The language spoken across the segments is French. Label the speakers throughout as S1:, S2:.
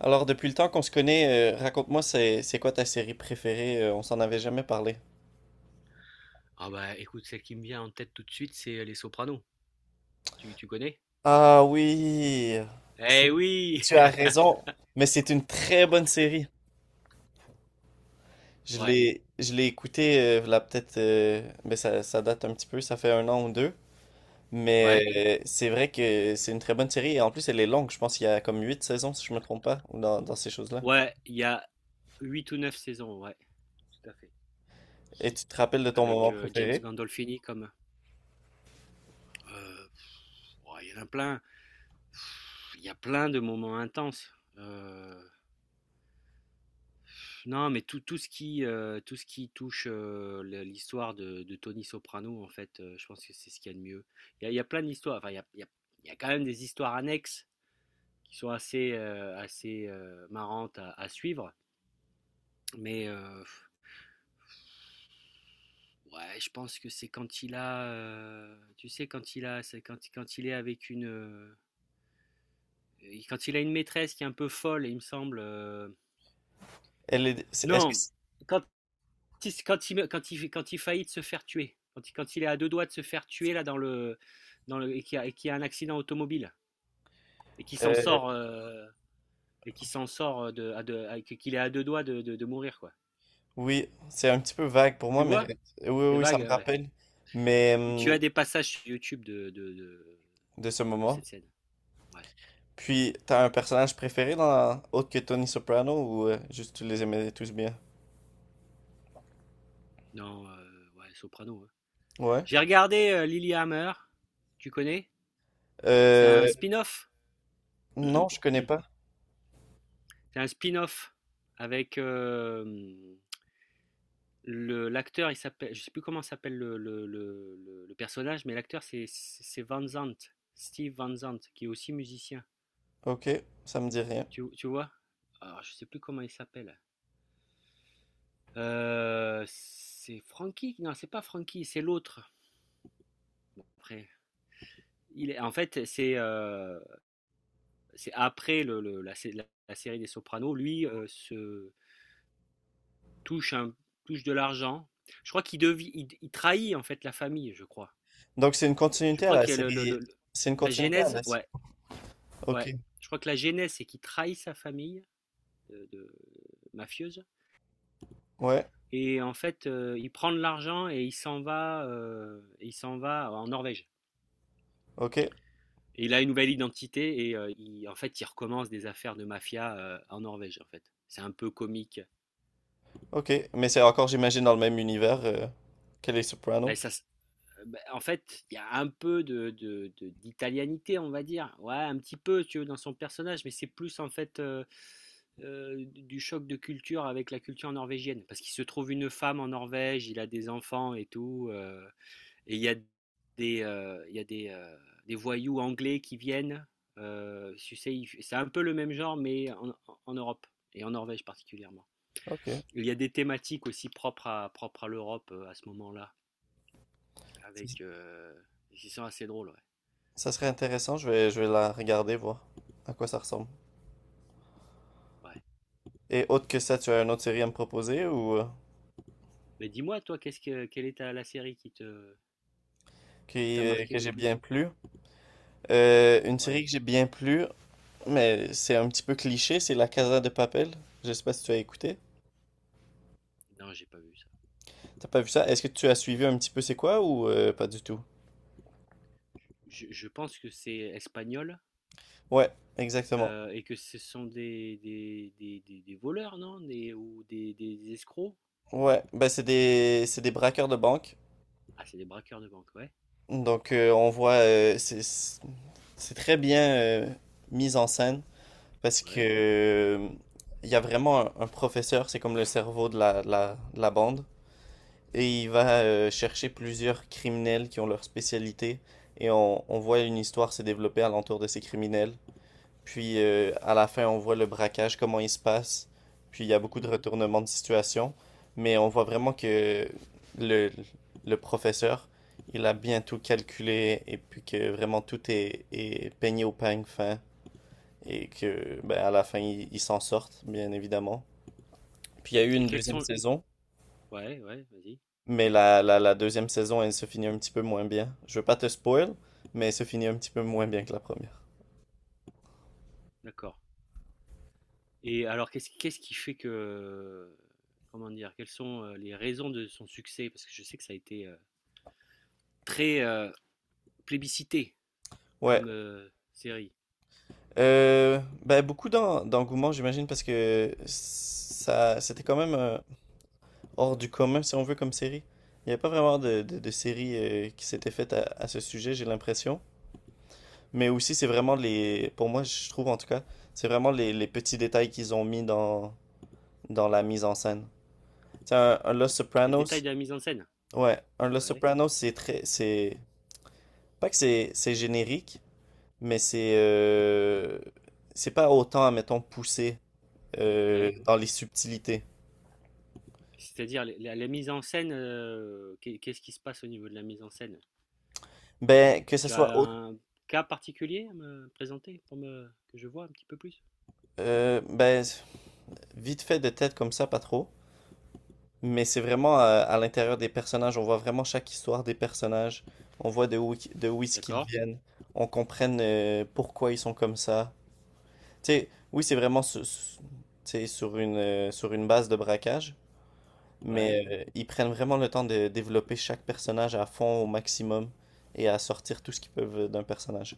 S1: Alors, depuis le temps qu'on se connaît, raconte-moi, c'est quoi ta série préférée? On s'en avait jamais parlé.
S2: Ah bah écoute, celle qui me vient en tête tout de suite, c'est Les Sopranos. Tu connais?
S1: Ah oui, c'est-
S2: Eh oui!
S1: tu as raison, mais c'est une très bonne série. Je
S2: Ouais,
S1: l'ai, je l'ai écoutée, là peut-être, mais ça date un petit peu, ça fait un an ou deux.
S2: ouais.
S1: Mais c'est vrai que c'est une très bonne série et en plus elle est longue, je pense qu'il y a comme huit saisons si je me trompe pas, ou dans ces choses-là.
S2: Ouais, il y a 8 ou 9 saisons, ouais, tout à fait.
S1: Et tu te rappelles de ton
S2: Avec
S1: moment
S2: James
S1: préféré?
S2: Gandolfini comme. Euh, ouais, il y en a plein. Il y a plein de moments intenses. Non, mais tout ce qui, tout ce qui touche l'histoire de Tony Soprano, en fait, je pense que c'est ce qu'il y a de mieux. Il y a plein d'histoires. Enfin, il y a, il y a- il y a quand même des histoires annexes qui sont assez marrantes à suivre. Mais ouais, je pense que c'est quand il a, tu sais, quand il a, c'est quand il est avec une, quand il a une maîtresse qui est un peu folle, il me semble. euh,
S1: Elle est, c'est- est-ce que
S2: non,
S1: c'est-
S2: quand, quand il faillit de se faire tuer, quand il est à deux doigts de se faire tuer là et qu'il y a un accident automobile et qui s'en
S1: euh,
S2: sort, et qui s'en sort de, qu'il est à deux doigts de mourir quoi.
S1: Oui, c'est un petit peu vague pour
S2: Tu
S1: moi, mais
S2: vois?
S1: ouais. oui, oui,
S2: C'est
S1: oui, ça
S2: vague,
S1: me
S2: ouais.
S1: rappelle. Mais
S2: Et tu
S1: hum,
S2: as des passages sur YouTube de
S1: de ce moment.
S2: cette scène. Ouais.
S1: Puis, t'as un personnage préféré dans autre que Tony Soprano ou juste tu les aimais tous bien?
S2: Non, ouais, Soprano. Hein.
S1: Ouais.
S2: J'ai regardé Lilyhammer. Tu connais? C'est un
S1: Euh,
S2: spin-off.
S1: non, je connais pas.
S2: C'est un spin-off avec le l'acteur. Il s'appelle, je sais plus comment s'appelle le personnage, mais l'acteur c'est Van Zandt, Steve Van Zandt, qui est aussi musicien.
S1: Ok, ça me dit rien.
S2: Tu vois? Alors, je sais plus comment il s'appelle. C'est Frankie? Non, c'est pas Frankie, c'est l'autre. Bon, après, en fait, c'est après la série des Sopranos, lui touche un, touche de l'argent. Je crois qu'il devient, il trahit en fait la famille, je crois.
S1: Donc c'est une
S2: Je
S1: continuité à
S2: crois
S1: la
S2: que le, le-
S1: série.
S2: le- le-
S1: C'est une
S2: la
S1: continuité à
S2: genèse,
S1: la série.
S2: ouais,
S1: Ok.
S2: ouais. Je crois que la genèse, c'est qu'il trahit sa famille de mafieuse.
S1: Ouais.
S2: Et en fait, il prend de l'argent et il s'en va en Norvège.
S1: Ok.
S2: Et il a une nouvelle identité et en fait, il recommence des affaires de mafia en Norvège, en fait. C'est un peu comique.
S1: Ok. Mais c'est encore, j'imagine, dans le même univers que les
S2: Ben,
S1: Sopranos.
S2: en fait, il y a un peu d'italianité, on va dire. Ouais, un petit peu, si tu veux, dans son personnage, mais c'est plus en fait du choc de culture avec la culture norvégienne. Parce qu'il se trouve une femme en Norvège, il a des enfants et tout. Et il y a des, il y a des voyous anglais qui viennent. Tu sais, c'est un peu le même genre, mais en Europe, et en Norvège particulièrement.
S1: Ok.
S2: Il y a des thématiques aussi propres à l'Europe à ce moment-là.
S1: Ça
S2: Avec. Ils sont assez drôles, ouais.
S1: ça serait intéressant. Je vais la regarder, voir à quoi ça ressemble.
S2: Ouais.
S1: Et autre que ça, tu as une autre série à me proposer ou
S2: Mais dis-moi, toi, quelle est la série qui te, qui
S1: qui,
S2: t'a
S1: que
S2: marqué le
S1: j'ai bien
S2: plus?
S1: plu? Une série
S2: Ouais.
S1: que j'ai bien plu, mais c'est un petit peu cliché, c'est La Casa de Papel. Je sais pas si tu as écouté.
S2: Non, j'ai pas vu ça.
S1: T'as pas vu ça? Est-ce que tu as suivi un petit peu c'est quoi ou pas du tout?
S2: Je pense que c'est espagnol
S1: Ouais, exactement.
S2: et que ce sont des voleurs, non? Ou des escrocs?
S1: Ouais, ben c'est des braqueurs de banque.
S2: Ah, c'est des braqueurs de banque, ouais.
S1: Donc on voit c'est c'est très bien mis en scène parce que
S2: Ouais.
S1: il y a vraiment un professeur, c'est comme le cerveau de la de la bande. Et il va chercher plusieurs criminels qui ont leur spécialité. Et on voit une histoire se développer alentour de ces criminels. Puis à la fin, on voit le braquage, comment il se passe. Puis il y a beaucoup de
S2: Mhm.
S1: retournements de situation. Mais on voit vraiment que le, le professeur, il a bien tout calculé. Et puis que vraiment tout est peigné au peigne fin. Et que ben, à la fin, ils il s'en sortent, bien évidemment. Puis il y a eu
S2: Et
S1: une
S2: quels
S1: deuxième
S2: sont...
S1: saison.
S2: Ouais, ouais, vas-y.
S1: Mais la deuxième saison, elle se finit un petit peu moins bien. Je veux pas te spoil, mais elle se finit un petit peu moins bien que la première.
S2: D'accord. Et alors, qu'est-ce qui fait que... Comment dire? Quelles sont les raisons de son succès? Parce que je sais que ça a été très plébiscité
S1: Ouais.
S2: comme série.
S1: Ben, beaucoup d'engouement, j'imagine, parce que ça, c'était quand même hors du commun, si on veut, comme série. Il n'y a pas vraiment de, de série qui s'était faite à ce sujet, j'ai l'impression. Mais aussi, c'est vraiment les... Pour moi, je trouve, en tout cas, c'est vraiment les petits détails qu'ils ont mis dans, dans la mise en scène. Tu sais, un Los
S2: Les détails
S1: Sopranos...
S2: de la mise en scène.
S1: Ouais, un Los
S2: Ouais,
S1: Sopranos, c'est très... C'est pas que c'est générique, mais c'est pas autant, admettons, poussé
S2: ouais.
S1: dans les subtilités.
S2: C'est-à-dire la mise en scène, qu'est-ce qui se passe au niveau de la mise en scène?
S1: Ben, que ce
S2: Tu
S1: soit
S2: as un cas particulier à me présenter que je vois un petit peu plus?
S1: ben, vite fait de tête comme ça, pas trop. Mais c'est vraiment à l'intérieur des personnages. On voit vraiment chaque histoire des personnages. On voit de où est-ce qu'ils
S2: D'accord,
S1: viennent. On comprenne pourquoi ils sont comme ça. Tu sais, oui, c'est vraiment tu sais, sur une base de braquage. Mais
S2: ouais,
S1: ils prennent vraiment le temps de développer chaque personnage à fond au maximum et à sortir tout ce qu'ils peuvent d'un personnage.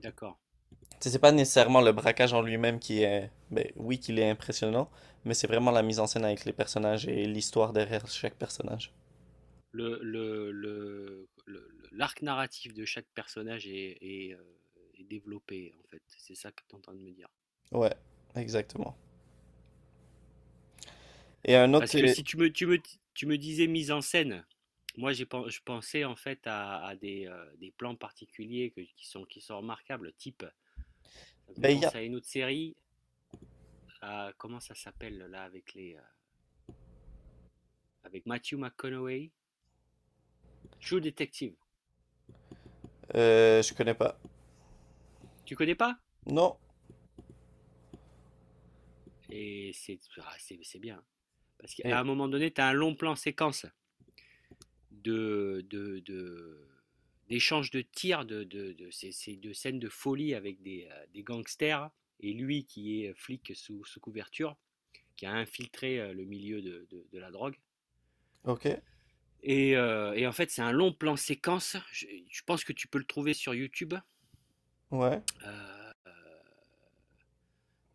S2: d'accord.
S1: Tu sais, c'est pas nécessairement le braquage en lui-même qui est, ben oui, qu'il est impressionnant, mais c'est vraiment la mise en scène avec les personnages et l'histoire derrière chaque personnage.
S2: L'arc narratif de chaque personnage est développé, en fait. C'est ça que tu es en train de me dire.
S1: Ouais, exactement. Et un
S2: Parce
S1: autre,
S2: que si tu me disais mise en scène, moi, je pensais en fait à des plans particuliers qui sont remarquables, type, ça me fait
S1: ben il y a,
S2: penser à une autre série, comment ça s'appelle là avec avec Matthew McConaughey, True Detective.
S1: je connais pas.
S2: Tu connais pas?
S1: Non.
S2: Ah, c'est bien. Hein. Parce qu'à
S1: Et
S2: un moment donné, tu as un long plan séquence de, de, de, d'échanges de tirs, de, c'est de scènes de folie avec des gangsters, et lui qui est flic sous couverture, qui a infiltré le milieu de la drogue.
S1: ok,
S2: Et en fait, c'est un long plan séquence. Je pense que tu peux le trouver sur YouTube.
S1: ouais,
S2: Euh,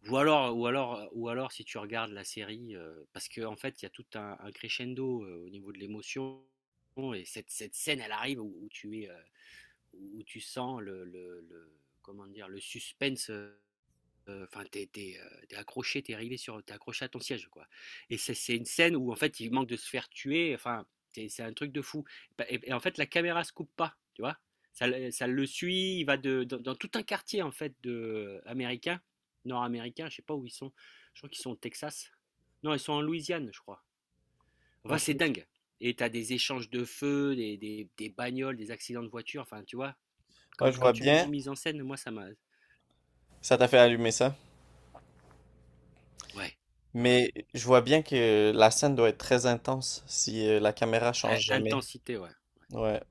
S2: ou alors, si tu regardes la série, parce qu'en fait, il y a tout un crescendo au niveau de l'émotion. Et cette scène, elle arrive où tu es, où tu sens comment dire, le suspense enfin, t'es accroché, t'es accroché à ton siège, quoi. Et c'est une scène où en fait il manque de se faire tuer. Enfin, c'est un truc de fou. Et en fait la caméra se coupe pas, tu vois. Ça, ça le suit. Il va dans tout un quartier en fait nord-américain. Je sais pas où ils sont. Je crois qu'ils sont au Texas. Non, ils sont en Louisiane, je crois. Enfin, c'est
S1: ok.
S2: dingue. Et t'as des échanges de feu, des bagnoles, des accidents de voiture. Enfin, tu vois.
S1: Ouais,
S2: Quand,
S1: je
S2: quand
S1: vois
S2: tu me
S1: bien.
S2: dis mise en scène, moi ça m'a.
S1: Ça t'a fait allumer ça.
S2: Ouais, ouais, ouais.
S1: Mais je vois bien que la scène doit être très intense si la caméra change jamais.
S2: Intensité, ouais.
S1: Ouais,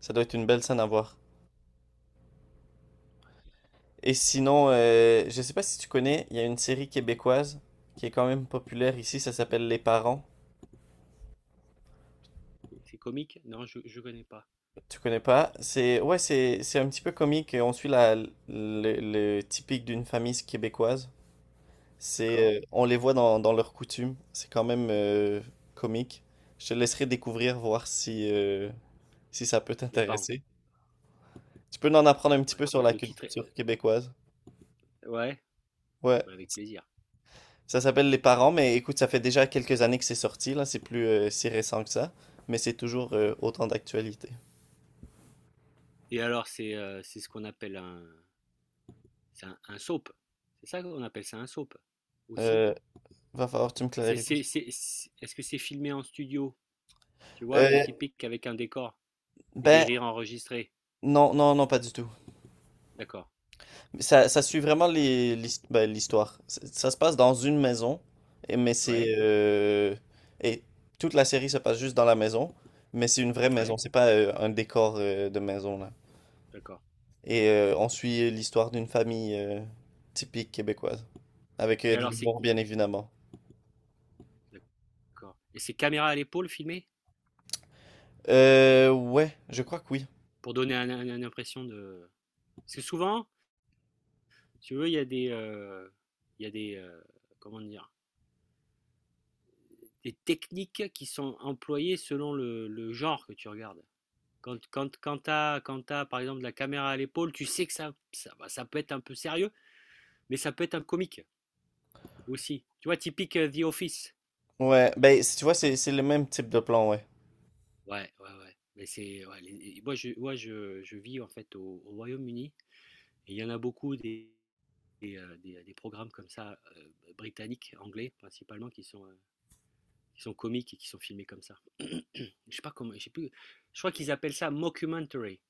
S1: ça doit être une belle scène à voir. Et sinon, je sais pas si tu connais, il y a une série québécoise qui est quand même populaire ici, ça s'appelle Les Parents.
S2: C'est comique? Non, je connais pas.
S1: Tu connais pas? C'est ouais, c'est un petit peu comique, on suit la le typique d'une famille québécoise.
S2: D'accord.
S1: C'est on les voit dans leurs coutumes, c'est quand même comique. Je te laisserai découvrir voir si si ça peut
S2: Les Parents.
S1: t'intéresser. Tu peux en apprendre un petit
S2: Ouais.
S1: peu sur
S2: Le,
S1: la
S2: le titre
S1: culture
S2: est...
S1: québécoise.
S2: Ouais,
S1: Ouais.
S2: bah, avec plaisir.
S1: Ça s'appelle Les Parents, mais écoute, ça fait déjà quelques années que c'est sorti, là, c'est plus si récent que ça, mais c'est toujours autant d'actualité.
S2: Et alors, c'est ce qu'on appelle un soap. C'est ça qu'on appelle ça un soap aussi.
S1: Euh, Va falloir que tu me
S2: C'est, c'est,
S1: clarifies.
S2: c'est, c'est- est-ce que c'est filmé en studio? Tu vois, la
S1: Euh,
S2: typique avec un décor et des
S1: ben,
S2: rires enregistrés.
S1: non, pas du tout.
S2: D'accord.
S1: Ça suit vraiment les, ben, l'histoire. Ça se passe dans une maison, et- mais c'est...
S2: Ouais,
S1: euh, et toute la série se passe juste dans la maison, mais c'est une vraie maison,
S2: ouais,
S1: c'est pas un décor de maison, là.
S2: d'accord.
S1: Et on suit l'histoire d'une famille typique québécoise, avec
S2: Et
S1: de
S2: alors, c'est...
S1: l'humour, bien évidemment.
S2: D'accord. Et c'est caméra à l'épaule filmé
S1: Ouais, je crois que oui.
S2: pour donner une impression de... Parce que souvent, si tu veux, il y a des... il y a des... euh, comment dire? Les techniques qui sont employées selon le genre que tu regardes. Quand t'as, par exemple la caméra à l'épaule, tu sais que ça peut être un peu sérieux, mais ça peut être un comique aussi. Tu vois, typique The Office.
S1: Ouais, ben, si tu vois, c'est le même type de plan, ouais.
S2: Ouais, ouais, ouais. Mais ouais, moi je vis en fait au Royaume-Uni et il y en a beaucoup des programmes comme ça, britanniques, anglais principalement, qui sont comiques et qui sont filmés comme ça. Je sais pas comment, je sais plus. Je crois qu'ils appellent ça mockumentary. Tu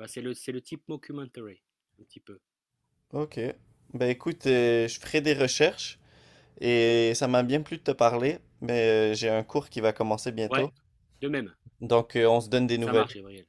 S2: vois, c'est le type mockumentary, un petit peu.
S1: Ok. Ben, écoute, je ferai des recherches et ça m'a bien plu de te parler, mais j'ai un cours qui va commencer
S2: Ouais,
S1: bientôt.
S2: de même.
S1: Donc, on se donne des
S2: Ça
S1: nouvelles.
S2: marche, Gabriel.